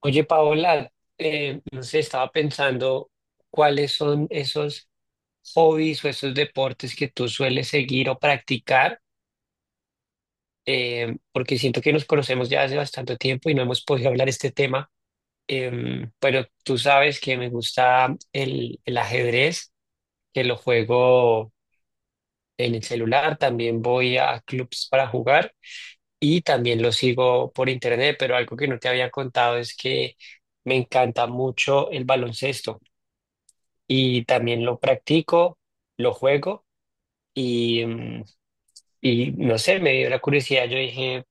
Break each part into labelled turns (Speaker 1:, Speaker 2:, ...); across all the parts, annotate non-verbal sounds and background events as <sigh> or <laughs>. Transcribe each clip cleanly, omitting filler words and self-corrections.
Speaker 1: Oye, Paola, no sé, estaba pensando cuáles son esos hobbies o esos deportes que tú sueles seguir o practicar. Porque siento que nos conocemos ya hace bastante tiempo y no hemos podido hablar este tema. Pero tú sabes que me gusta el ajedrez, que lo juego en el celular, también voy a clubs para jugar y también lo sigo por internet, pero algo que no te había contado es que me encanta mucho el baloncesto. Y también lo practico, lo juego y, mm, y no sé, me dio la curiosidad. Yo dije,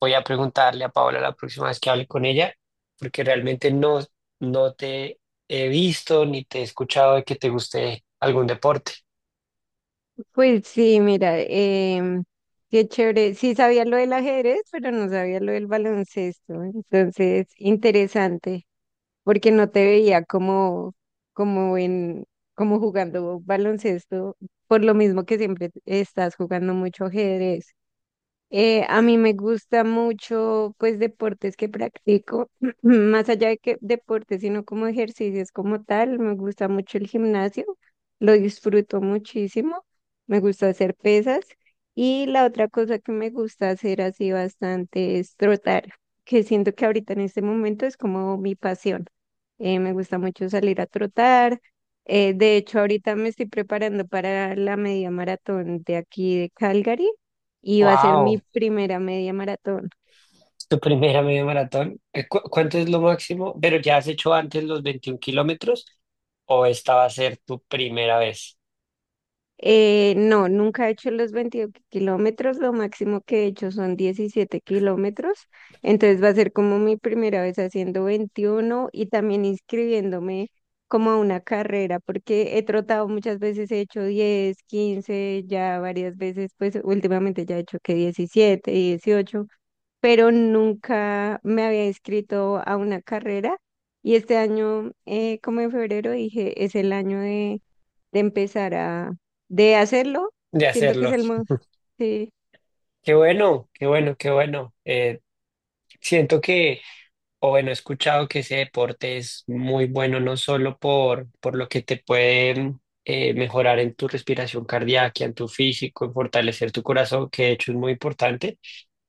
Speaker 1: voy a preguntarle a Paola la próxima vez que hable con ella, porque realmente no te he visto ni te he escuchado de que te guste algún deporte.
Speaker 2: Pues sí, mira, qué chévere. Sí sabía lo del ajedrez, pero no sabía lo del baloncesto. Entonces, interesante, porque no te veía como en, como jugando baloncesto, por lo mismo que siempre estás jugando mucho ajedrez. A mí me gusta mucho, pues, deportes que practico, <clears throat> más allá de que deportes, sino como ejercicios como tal. Me gusta mucho el gimnasio, lo disfruto muchísimo. Me gusta hacer pesas. Y la otra cosa que me gusta hacer así bastante es trotar, que siento que ahorita en este momento es como mi pasión. Me gusta mucho salir a trotar. De hecho, ahorita me estoy preparando para la media maratón de aquí de Calgary y va a ser mi
Speaker 1: Wow,
Speaker 2: primera media maratón.
Speaker 1: tu primera media maratón. ¿Cuánto es lo máximo? ¿Pero ya has hecho antes los 21 kilómetros o esta va a ser tu primera vez
Speaker 2: No, nunca he hecho los 22 kilómetros, lo máximo que he hecho son 17 kilómetros, entonces va a ser como mi primera vez haciendo 21 y también inscribiéndome como a una carrera, porque he trotado muchas veces, he hecho 10 15 ya varias veces, pues últimamente ya he hecho que 17, 18 pero nunca me había inscrito a una carrera y este año, como en febrero, dije, es el año de empezar de hacerlo.
Speaker 1: de
Speaker 2: Siento que es
Speaker 1: hacerlo?
Speaker 2: el mo- Sí.
Speaker 1: Qué bueno, qué bueno, qué bueno. Siento que... O bueno, he escuchado que ese deporte es muy bueno no solo por lo que te puede mejorar en tu respiración cardíaca, en tu físico, en fortalecer tu corazón, que de hecho es muy importante,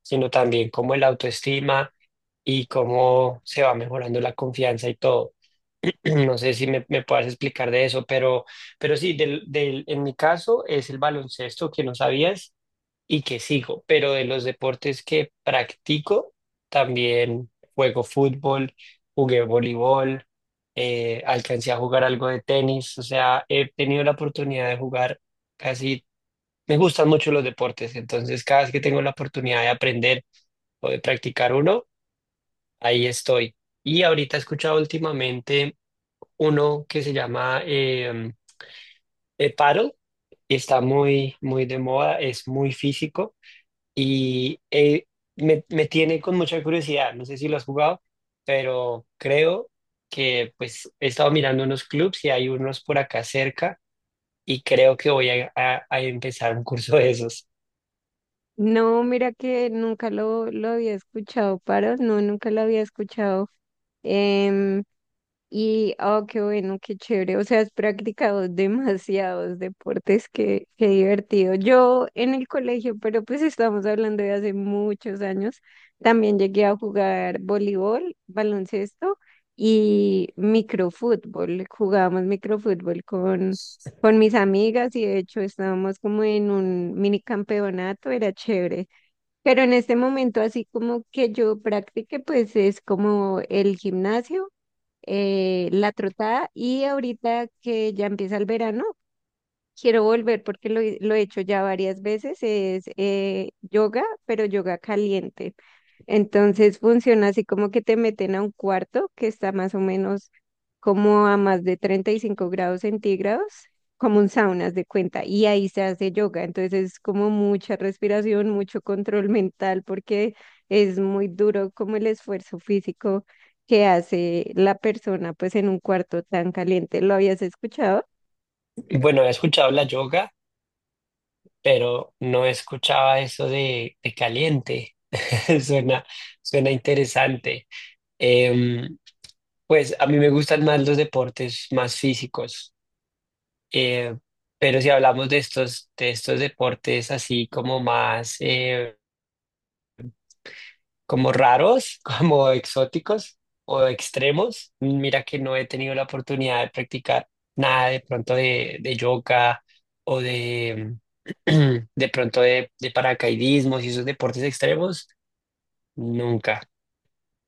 Speaker 1: sino también como el autoestima y cómo se va mejorando la confianza y todo. <clears throat> No sé si me puedas explicar de eso, pero sí, en mi caso es el baloncesto, que no sabías y que sigo, pero de los deportes que practico, también juego fútbol, jugué voleibol, alcancé a jugar algo de tenis, o sea, he tenido la oportunidad de jugar casi, me gustan mucho los deportes, entonces cada vez que tengo la oportunidad de aprender o de practicar uno, ahí estoy. Y ahorita he escuchado últimamente uno que se llama paddle, y está muy de moda, es muy físico. Y eh, Me tiene con mucha curiosidad, no sé si lo has jugado, pero creo que pues he estado mirando unos clubs y hay unos por acá cerca y creo que voy a empezar un curso de esos.
Speaker 2: No, mira que nunca lo había escuchado, Paro, no, nunca lo había escuchado. Em, Y, oh, qué bueno, qué chévere. O sea, has practicado demasiados deportes, qué divertido. Yo en el colegio, pero pues estamos hablando de hace muchos años, también llegué a jugar voleibol, baloncesto y microfútbol. Jugábamos microfútbol con mis amigas y de hecho estábamos como en un mini campeonato, era chévere. Pero en este momento, así como que yo practique, pues es como el gimnasio, la trotada y ahorita que ya empieza el verano, quiero volver porque lo he hecho ya varias veces, es, yoga, pero yoga caliente. Entonces funciona así como que te meten a un cuarto que está más o menos como a más de 35 grados centígrados, como un sauna, haz de cuenta, y ahí se hace yoga. Entonces es como mucha respiración, mucho control <laughs> mental, porque es muy duro como el esfuerzo físico que hace la persona pues en un cuarto tan caliente. ¿Lo habías escuchado?
Speaker 1: Bueno, he escuchado la yoga, pero no escuchaba eso de caliente. <laughs> Suena, suena interesante. Em, pues a mí me gustan más los deportes más físicos. Eh, pero si hablamos de estos deportes así como más, como raros, <laughs> como exóticos o extremos, mira que no he tenido la oportunidad de practicar nada de pronto de yoga o de, <clears throat> de pronto de paracaidismo y esos deportes extremos, nunca.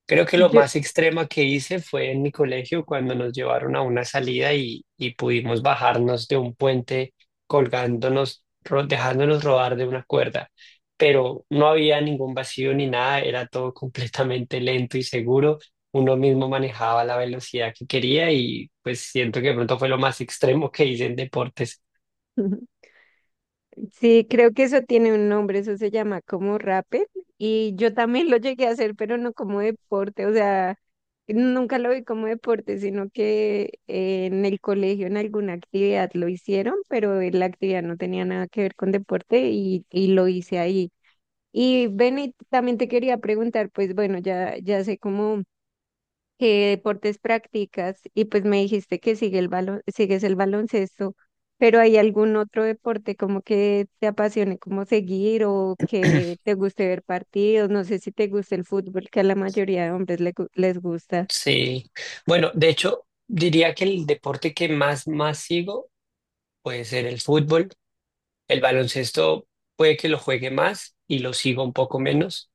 Speaker 1: Creo que lo
Speaker 2: Yo...
Speaker 1: más extrema que hice fue en mi colegio cuando nos llevaron a una salida y pudimos bajarnos de un puente colgándonos, dejándonos rodar de una cuerda, pero no había ningún vacío ni nada, era todo completamente lento y seguro, uno mismo manejaba la velocidad que quería y pues siento que de pronto fue lo más extremo que hice en deportes.
Speaker 2: <laughs> Sí, creo que eso tiene un nombre, eso se llama como rappel y yo también lo llegué a hacer, pero no como deporte, o sea, nunca lo vi como deporte, sino que en el colegio en alguna actividad lo hicieron, pero la actividad no tenía nada que ver con deporte y lo hice ahí. Y Benny, también te quería preguntar, pues bueno, ya, ya sé cómo. ¿Qué deportes practicas? Y pues me dijiste que sigues el baloncesto, pero ¿hay algún otro deporte como que te apasione como seguir o que te guste ver partidos? No sé si te gusta el fútbol, que a la mayoría de hombres les gusta.
Speaker 1: Sí, bueno, de hecho diría que el deporte que más sigo puede ser el fútbol. El baloncesto puede que lo juegue más y lo sigo un poco menos,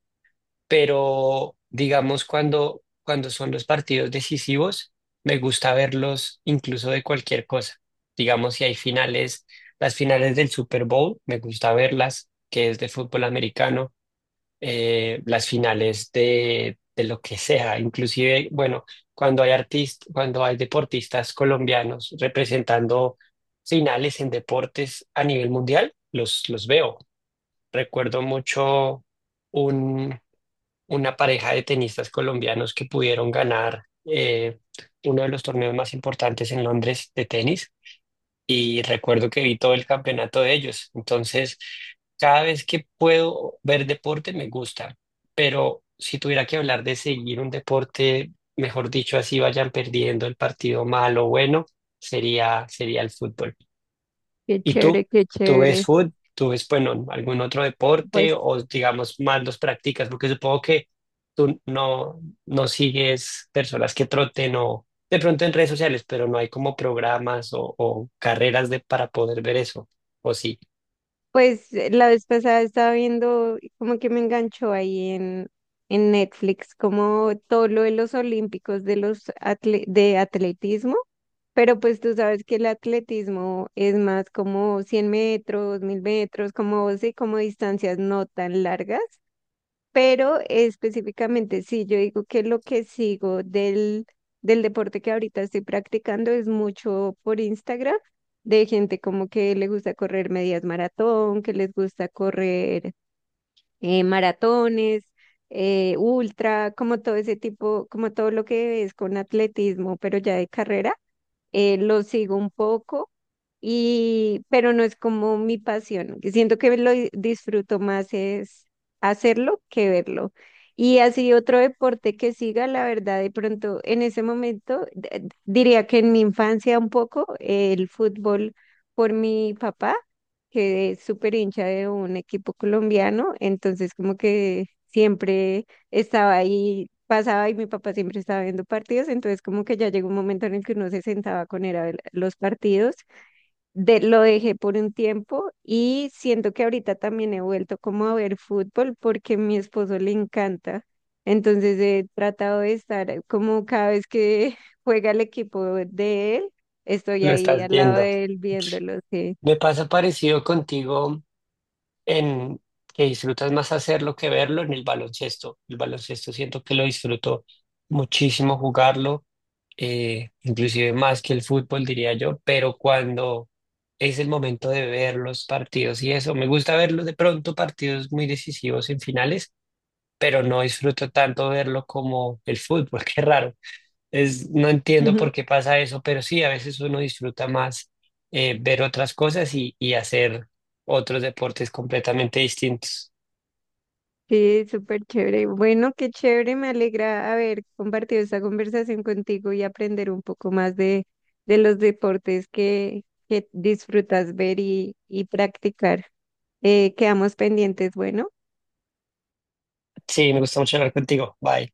Speaker 1: pero digamos cuando son los partidos decisivos, me gusta verlos incluso de cualquier cosa. Digamos, si hay finales, las finales del Super Bowl, me gusta verlas, que es de fútbol americano. Las finales de lo que sea, inclusive, bueno, cuando hay artistas, cuando hay deportistas colombianos representando finales en deportes a nivel mundial, los veo. Recuerdo mucho un, una pareja de tenistas colombianos que pudieron ganar uno de los torneos más importantes en Londres de tenis y recuerdo que vi todo el campeonato de ellos. Entonces, cada vez que puedo ver deporte me gusta, pero si tuviera que hablar de seguir un deporte, mejor dicho, así vayan perdiendo el partido malo o bueno, sería, sería el fútbol.
Speaker 2: Qué
Speaker 1: ¿Y tú?
Speaker 2: chévere, qué
Speaker 1: ¿Tú ves
Speaker 2: chévere.
Speaker 1: fútbol? ¿Tú ves, bueno, algún otro deporte
Speaker 2: Pues,
Speaker 1: o digamos más los practicas? Porque supongo que tú no, no sigues personas que troten o de pronto en redes sociales, pero no hay como programas o carreras de, para poder ver eso. O sí,
Speaker 2: la vez pasada estaba viendo y como que me enganchó ahí en Netflix, como todo lo de los olímpicos de atletismo. Pero pues tú sabes que el atletismo es más como 100 metros, 1000 metros, como, sí, como distancias no tan largas, pero específicamente sí, yo digo que lo que sigo del deporte que ahorita estoy practicando es mucho por Instagram, de gente como que le gusta correr medias maratón, que les gusta correr, maratones, ultra, como todo ese tipo, como todo lo que es con atletismo, pero ya de carrera, lo sigo un poco pero no es como mi pasión. Que Siento que lo disfruto más es hacerlo que verlo. Y así otro deporte que siga, la verdad, de pronto en ese momento, diría que en mi infancia un poco, el fútbol por mi papá, que es súper hincha de un equipo colombiano, entonces como que siempre estaba ahí, pasaba y mi papá siempre estaba viendo partidos, entonces como que ya llegó un momento en el que uno se sentaba con él a ver los partidos lo dejé por un tiempo y siento que ahorita también he vuelto como a ver fútbol porque a mi esposo le encanta. Entonces he tratado de estar como cada vez que <laughs> juega el equipo de él, estoy
Speaker 1: lo
Speaker 2: ahí
Speaker 1: estás
Speaker 2: al lado
Speaker 1: viendo.
Speaker 2: de él viéndolo, sí.
Speaker 1: Me pasa parecido contigo en que disfrutas más hacerlo que verlo en el baloncesto. El baloncesto siento que lo disfruto muchísimo jugarlo, inclusive más que el fútbol, diría yo, pero cuando es el momento de ver los partidos y eso, me gusta verlos de pronto partidos muy decisivos en finales, pero no disfruto tanto verlo como el fútbol, <laughs> qué raro. Es, no entiendo
Speaker 2: Ujú.
Speaker 1: por qué pasa eso, pero sí, a veces uno disfruta más ver otras cosas y hacer otros deportes completamente distintos.
Speaker 2: Sí, súper chévere. Bueno, qué chévere, me alegra haber compartido esta conversación contigo y aprender un poco más de los deportes que disfrutas ver y practicar. Quedamos pendientes, bueno.
Speaker 1: Sí, me gusta mucho hablar contigo. Bye.